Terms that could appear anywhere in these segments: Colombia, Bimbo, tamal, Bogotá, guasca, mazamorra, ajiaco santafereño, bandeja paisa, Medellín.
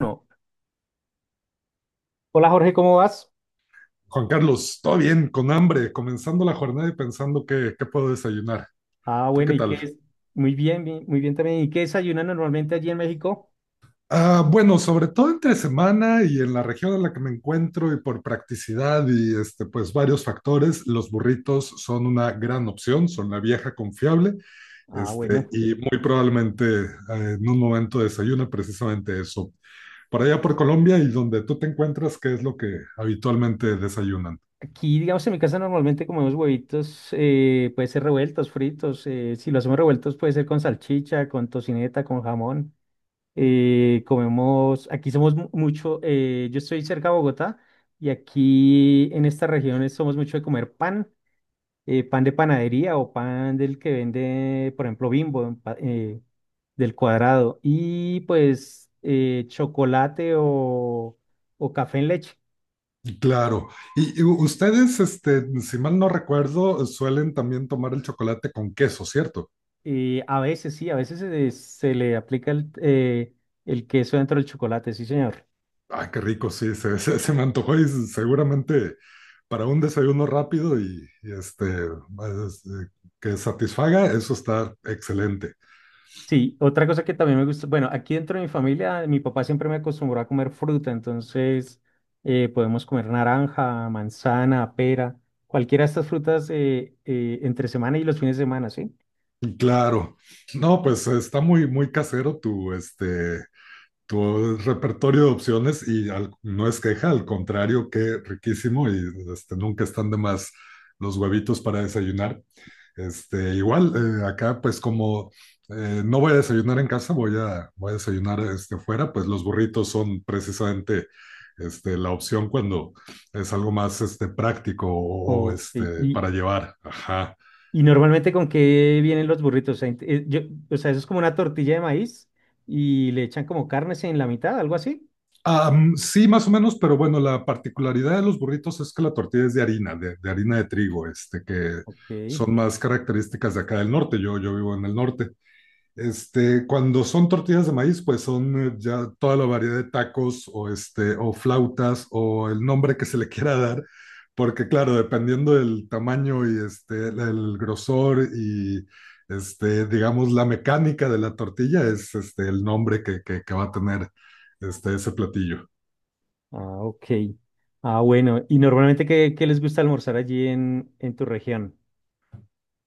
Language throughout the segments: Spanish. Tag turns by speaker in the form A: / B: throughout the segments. A: No. Hola Jorge, ¿cómo vas?
B: Juan Carlos, todo bien, con hambre, comenzando la jornada y pensando qué puedo desayunar.
A: Ah,
B: ¿Tú
A: bueno,
B: qué
A: ¿y qué
B: tal?
A: es? Muy bien, bien, muy bien también. ¿Y qué desayunan normalmente allí en México?
B: Ah, bueno, sobre todo entre semana y en la región en la que me encuentro y por practicidad y pues varios factores, los burritos son una gran opción, son la vieja confiable.
A: Ah, bueno,
B: Y muy probablemente en un momento desayuna precisamente eso. Por allá por Colombia y donde tú te encuentras, ¿qué es lo que habitualmente desayunan?
A: aquí digamos en mi casa normalmente comemos huevitos, puede ser revueltos, fritos, si lo hacemos revueltos puede ser con salchicha, con tocineta, con jamón. Comemos, aquí somos mucho, yo estoy cerca de Bogotá y aquí en estas regiones somos mucho de comer pan, pan de panadería o pan del que vende, por ejemplo, Bimbo, del cuadrado. Y pues chocolate o café en leche.
B: Claro. Y ustedes, si mal no recuerdo, suelen también tomar el chocolate con queso, ¿cierto?
A: A veces sí, se le aplica el queso dentro del chocolate, sí, señor.
B: Ah, qué rico, sí, se, se me antojó y seguramente para un desayuno rápido y que satisfaga, eso está excelente.
A: Sí, otra cosa que también me gusta, bueno, aquí dentro de mi familia, mi papá siempre me acostumbró a comer fruta, entonces podemos comer naranja, manzana, pera, cualquiera de estas frutas entre semana y los fines de semana, ¿sí?
B: Y claro. No, pues está muy casero tu tu repertorio de opciones y no es queja, al contrario, qué riquísimo y nunca están de más los huevitos para desayunar. Acá pues como no voy a desayunar en casa, voy a desayunar fuera, pues los burritos son precisamente la opción cuando es algo más práctico o, o,
A: Ok.
B: este,
A: Y,
B: para llevar. Ajá.
A: ¿y normalmente con qué vienen los burritos? O sea, o sea, eso es como una tortilla de maíz y le echan como carnes en la mitad, algo así.
B: Sí, más o menos, pero bueno, la particularidad de los burritos es que la tortilla es de harina, de harina de trigo, que
A: Ok.
B: son más características de acá del norte. Yo vivo en el norte. Cuando son tortillas de maíz, pues son ya toda la variedad de tacos o o flautas o el nombre que se le quiera dar, porque claro, dependiendo del tamaño y el grosor y digamos la mecánica de la tortilla es el nombre que va a tener ese platillo.
A: Ah, ok. Ah, bueno. ¿Y normalmente qué les gusta almorzar allí en tu región?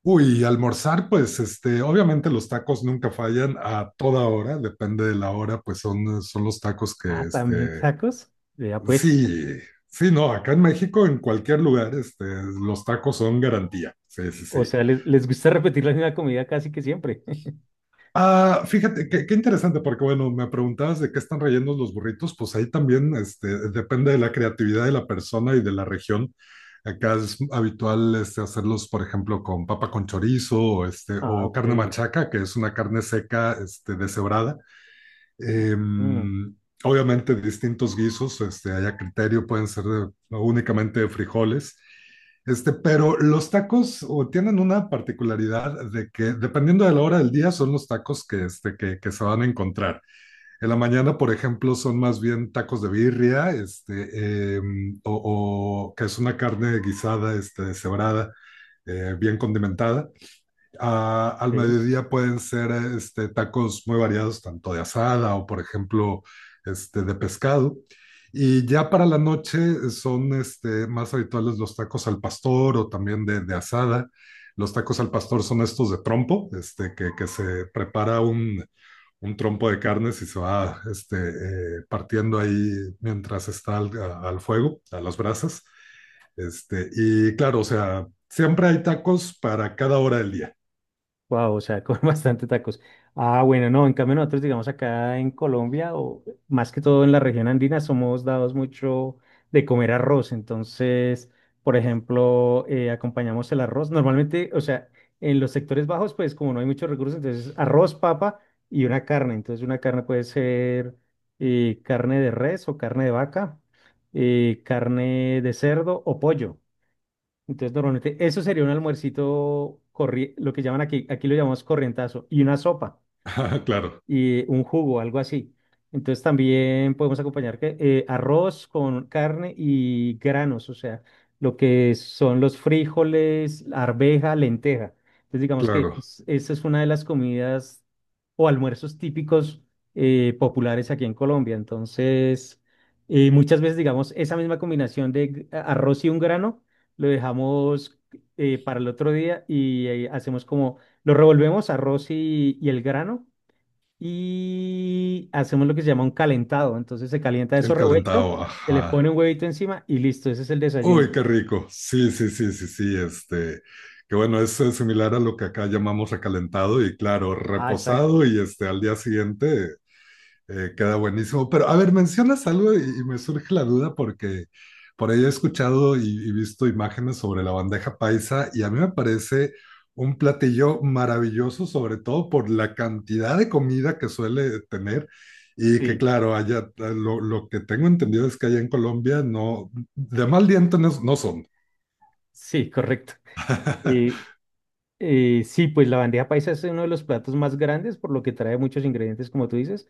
B: Uy, y almorzar, pues obviamente los tacos nunca fallan a toda hora, depende de la hora, pues son los tacos que,
A: Ah, también
B: este.
A: tacos. Vea pues.
B: Sí, sí, no, acá en México, en cualquier lugar, los tacos son garantía. Sí, sí,
A: O
B: sí.
A: sea, les gusta repetir la misma comida casi que siempre.
B: Ah, fíjate, qué interesante, porque bueno, me preguntabas de qué están rellenos los burritos, pues ahí también depende de la creatividad de la persona y de la región. Acá es habitual hacerlos, por ejemplo, con papa con chorizo o
A: Ah,
B: o
A: ok.
B: carne machaca, que es una carne seca deshebrada. Eh,
A: Mm,
B: obviamente distintos guisos, hay a criterio, pueden ser no, únicamente de frijoles. Pero los tacos o, tienen una particularidad de que dependiendo de la hora del día son los tacos que, que se van a encontrar. En la mañana, por ejemplo, son más bien tacos de birria, o que es una carne guisada, deshebrada, bien condimentada al
A: ok.
B: mediodía pueden ser tacos muy variados, tanto de asada o, por ejemplo, de pescado. Y ya para la noche son más habituales los tacos al pastor o también de asada. Los tacos al pastor son estos de trompo, que se prepara un trompo de carnes y se va partiendo ahí mientras está al fuego, a las brasas. Y claro, o sea, siempre hay tacos para cada hora del día.
A: Wow, o sea, con bastante tacos. Ah, bueno, no, en cambio nosotros, digamos, acá en Colombia, o más que todo en la región andina, somos dados mucho de comer arroz. Entonces, por ejemplo, acompañamos el arroz. Normalmente, o sea, en los sectores bajos, pues como no hay muchos recursos, entonces arroz, papa y una carne. Entonces, una carne puede ser carne de res o carne de vaca, carne de cerdo o pollo. Entonces, normalmente eso sería un almuercito, lo que llaman aquí, aquí lo llamamos corrientazo, y una sopa
B: Ajá, claro,
A: y un jugo, algo así. Entonces también podemos acompañar que, arroz con carne y granos, o sea, lo que son los frijoles, arveja, lenteja. Entonces digamos que
B: claro.
A: esa es una de las comidas o almuerzos típicos, populares aquí en Colombia. Entonces, muchas veces digamos esa misma combinación de arroz y un grano lo dejamos para el otro día y hacemos como, lo revolvemos arroz y el grano y hacemos lo que se llama un calentado. Entonces se calienta
B: El
A: eso revuelto,
B: calentado,
A: se le
B: ajá.
A: pone un huevito encima y listo, ese es el desayuno.
B: Uy, qué rico. Sí, sí, sí, sí, sí. Que bueno, es similar a lo que acá llamamos recalentado y claro,
A: Ah, exacto.
B: reposado y al día siguiente. Queda buenísimo. Pero a ver, mencionas algo y me surge la duda porque por ahí he escuchado y visto imágenes sobre la bandeja paisa y a mí me parece un platillo maravilloso, sobre todo por la cantidad de comida que suele tener. Y que
A: Sí,
B: claro, lo que tengo entendido es que allá en Colombia no, de mal diente no son.
A: sí, correcto. Eh, sí, pues la bandeja paisa es uno de los platos más grandes, por lo que trae muchos ingredientes, como tú dices.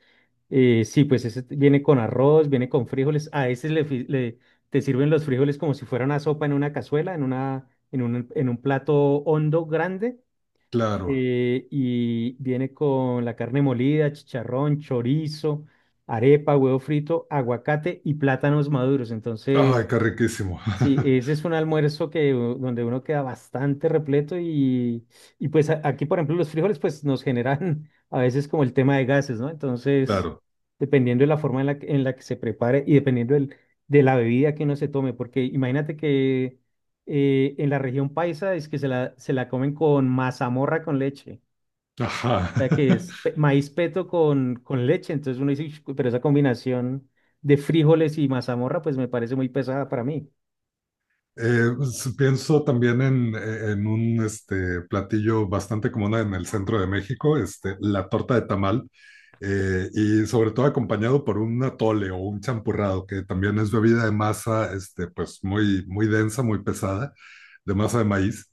A: Sí, pues ese viene con arroz, viene con frijoles. A ese te sirven los frijoles como si fuera una sopa en una cazuela, en un plato hondo grande.
B: Claro.
A: Eh, y viene con la carne molida, chicharrón, chorizo, arepa, huevo frito, aguacate y plátanos maduros.
B: Ay,
A: Entonces,
B: qué riquísimo.
A: sí, ese es un almuerzo que, donde uno queda bastante repleto y pues aquí, por ejemplo, los frijoles pues nos generan a veces como el tema de gases, ¿no? Entonces,
B: Claro.
A: dependiendo de la forma en la que se prepare y dependiendo de la bebida que uno se tome, porque imagínate que... en la región paisa es que se la comen con mazamorra con leche,
B: Ajá.
A: sea, que es maíz peto con leche. Entonces uno dice, "Ush, pero esa combinación de frijoles y mazamorra, pues me parece muy pesada para mí".
B: Pienso también en un platillo bastante común en el centro de México, la torta de tamal, y sobre todo acompañado por un atole o un champurrado, que también es bebida de masa, pues muy densa, muy pesada, de masa de maíz.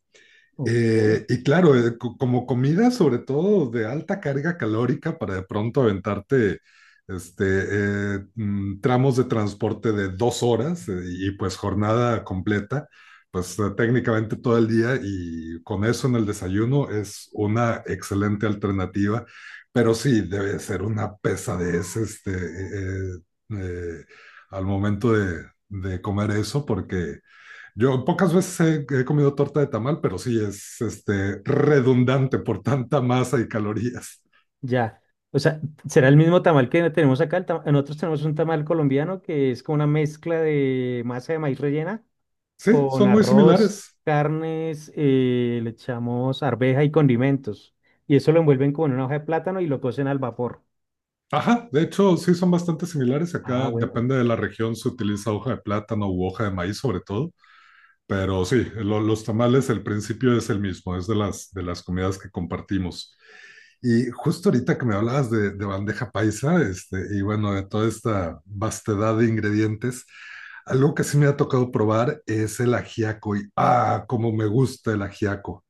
A: Ok.
B: Y claro, como comida sobre todo de alta carga calórica para de pronto aventarte este, tramos de transporte de dos horas y pues jornada completa, pues técnicamente todo el día y con eso en el desayuno es una excelente alternativa, pero sí debe ser una pesadez eh, eh, al momento de comer eso porque yo pocas veces he comido torta de tamal, pero sí es redundante por tanta masa y calorías.
A: Ya. O sea, ¿será el mismo tamal que tenemos acá? Nosotros tenemos un tamal colombiano que es como una mezcla de masa de maíz rellena
B: Sí,
A: con
B: son muy
A: arroz,
B: similares.
A: carnes, le echamos arveja y condimentos. Y eso lo envuelven como en una hoja de plátano y lo cocen al vapor.
B: Ajá, de hecho, sí son bastante similares.
A: Ah,
B: Acá
A: bueno.
B: depende de la región, se utiliza hoja de plátano u hoja de maíz sobre todo, pero sí, los tamales, el principio es el mismo, es de las comidas que compartimos. Y justo ahorita que me hablabas de bandeja paisa, y bueno, de toda esta vastedad de ingredientes, algo que sí me ha tocado probar es el ajiaco. Y ah, como me gusta el ajiaco.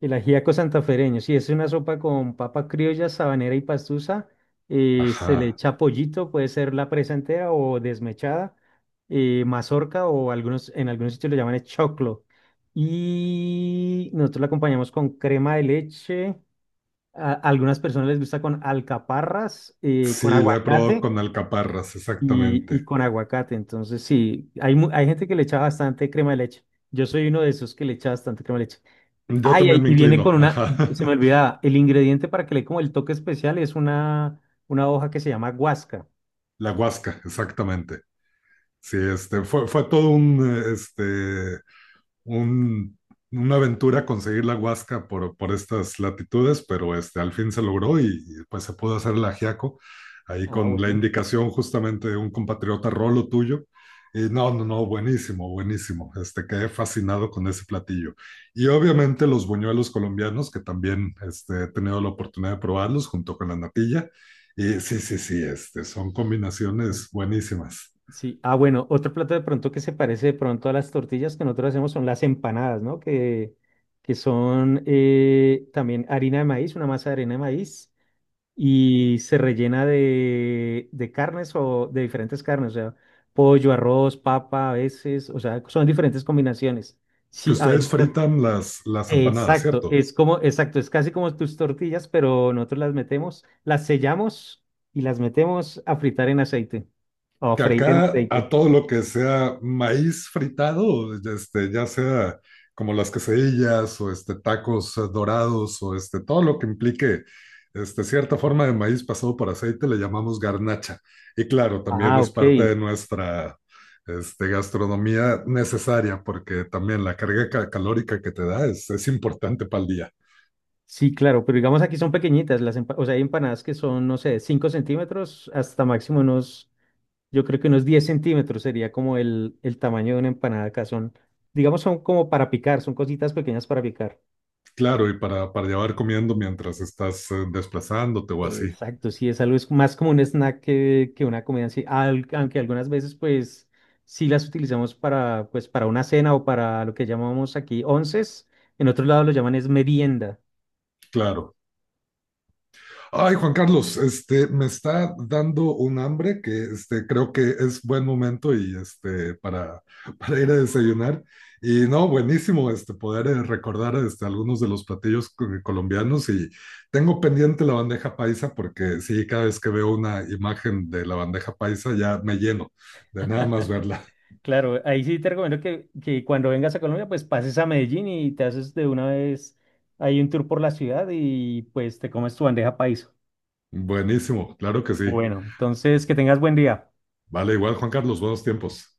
A: El ajiaco santafereño, sí, es una sopa con papa criolla, sabanera y pastusa. Eh, se le
B: Ajá.
A: echa pollito, puede ser la presa entera o desmechada, mazorca o algunos, en algunos sitios lo llaman es choclo. Y nosotros la acompañamos con crema de leche. A algunas personas les gusta con alcaparras,
B: Sí,
A: con
B: la he probado
A: aguacate
B: con alcaparras,
A: y
B: exactamente.
A: con aguacate. Entonces, sí, hay, hay gente que le echa bastante crema de leche. Yo soy uno de esos que le echa bastante crema de leche.
B: Yo
A: Ay,
B: también
A: ay,
B: me
A: y viene
B: inclino.
A: con una,
B: Ajá.
A: se me olvidaba, el ingrediente para que le dé como el toque especial es una hoja que se llama guasca.
B: La huasca, exactamente. Sí, fue todo un una aventura conseguir la Huasca por estas latitudes, pero al fin se logró y pues se pudo hacer el ajiaco ahí
A: Ah,
B: con la
A: bueno.
B: indicación justamente de un compatriota Rolo tuyo. Y no, no, no, buenísimo, buenísimo. Quedé fascinado con ese platillo. Y obviamente los buñuelos colombianos, que también he tenido la oportunidad de probarlos junto con la natilla. Y sí, sí, sí, son combinaciones buenísimas.
A: Sí, ah, bueno, otro plato de pronto que se parece de pronto a las tortillas que nosotros hacemos son las empanadas, ¿no? Que son también harina de maíz, una masa de harina de maíz, y se rellena de carnes o de diferentes carnes, o sea, pollo, arroz, papa, a veces, o sea, son diferentes combinaciones.
B: Que
A: Sí, a
B: ustedes
A: veces.
B: fritan las empanadas,
A: Exacto,
B: ¿cierto?
A: es como, exacto, es casi como tus tortillas, pero nosotros las metemos, las sellamos y las metemos a fritar en aceite o a
B: Que
A: freír en
B: acá
A: aceite.
B: a todo lo que sea maíz fritado, ya sea como las quesadillas o tacos dorados o todo lo que implique cierta forma de maíz pasado por aceite, le llamamos garnacha. Y claro, también
A: Ah,
B: es parte de
A: ok.
B: nuestra gastronomía necesaria porque también la carga calórica que te da es importante para el día.
A: Sí, claro, pero digamos aquí son pequeñitas, o sea, hay empanadas que son, no sé, 5 centímetros hasta máximo unos, yo creo que unos 10 centímetros sería como el tamaño de una empanada acá, son, digamos, son como para picar, son cositas pequeñas para picar.
B: Claro, y para llevar comiendo mientras estás desplazándote o así.
A: Exacto, sí, es algo, es más como un snack que una comida en sí, aunque algunas veces pues sí las utilizamos para pues para una cena o para lo que llamamos aquí onces, en otros lados lo llaman es merienda.
B: Claro. Ay, Juan Carlos, me está dando un hambre que creo que es buen momento y para ir a desayunar. Y no, buenísimo poder recordar algunos de los platillos colombianos y tengo pendiente la bandeja paisa porque sí, cada vez que veo una imagen de la bandeja paisa ya me lleno de nada más verla.
A: Claro, ahí sí te recomiendo que cuando vengas a Colombia pues pases a Medellín y te haces de una vez ahí un tour por la ciudad y pues te comes tu bandeja paisa.
B: Buenísimo, claro que sí.
A: Bueno, entonces que tengas buen día.
B: Vale, igual Juan Carlos, buenos tiempos.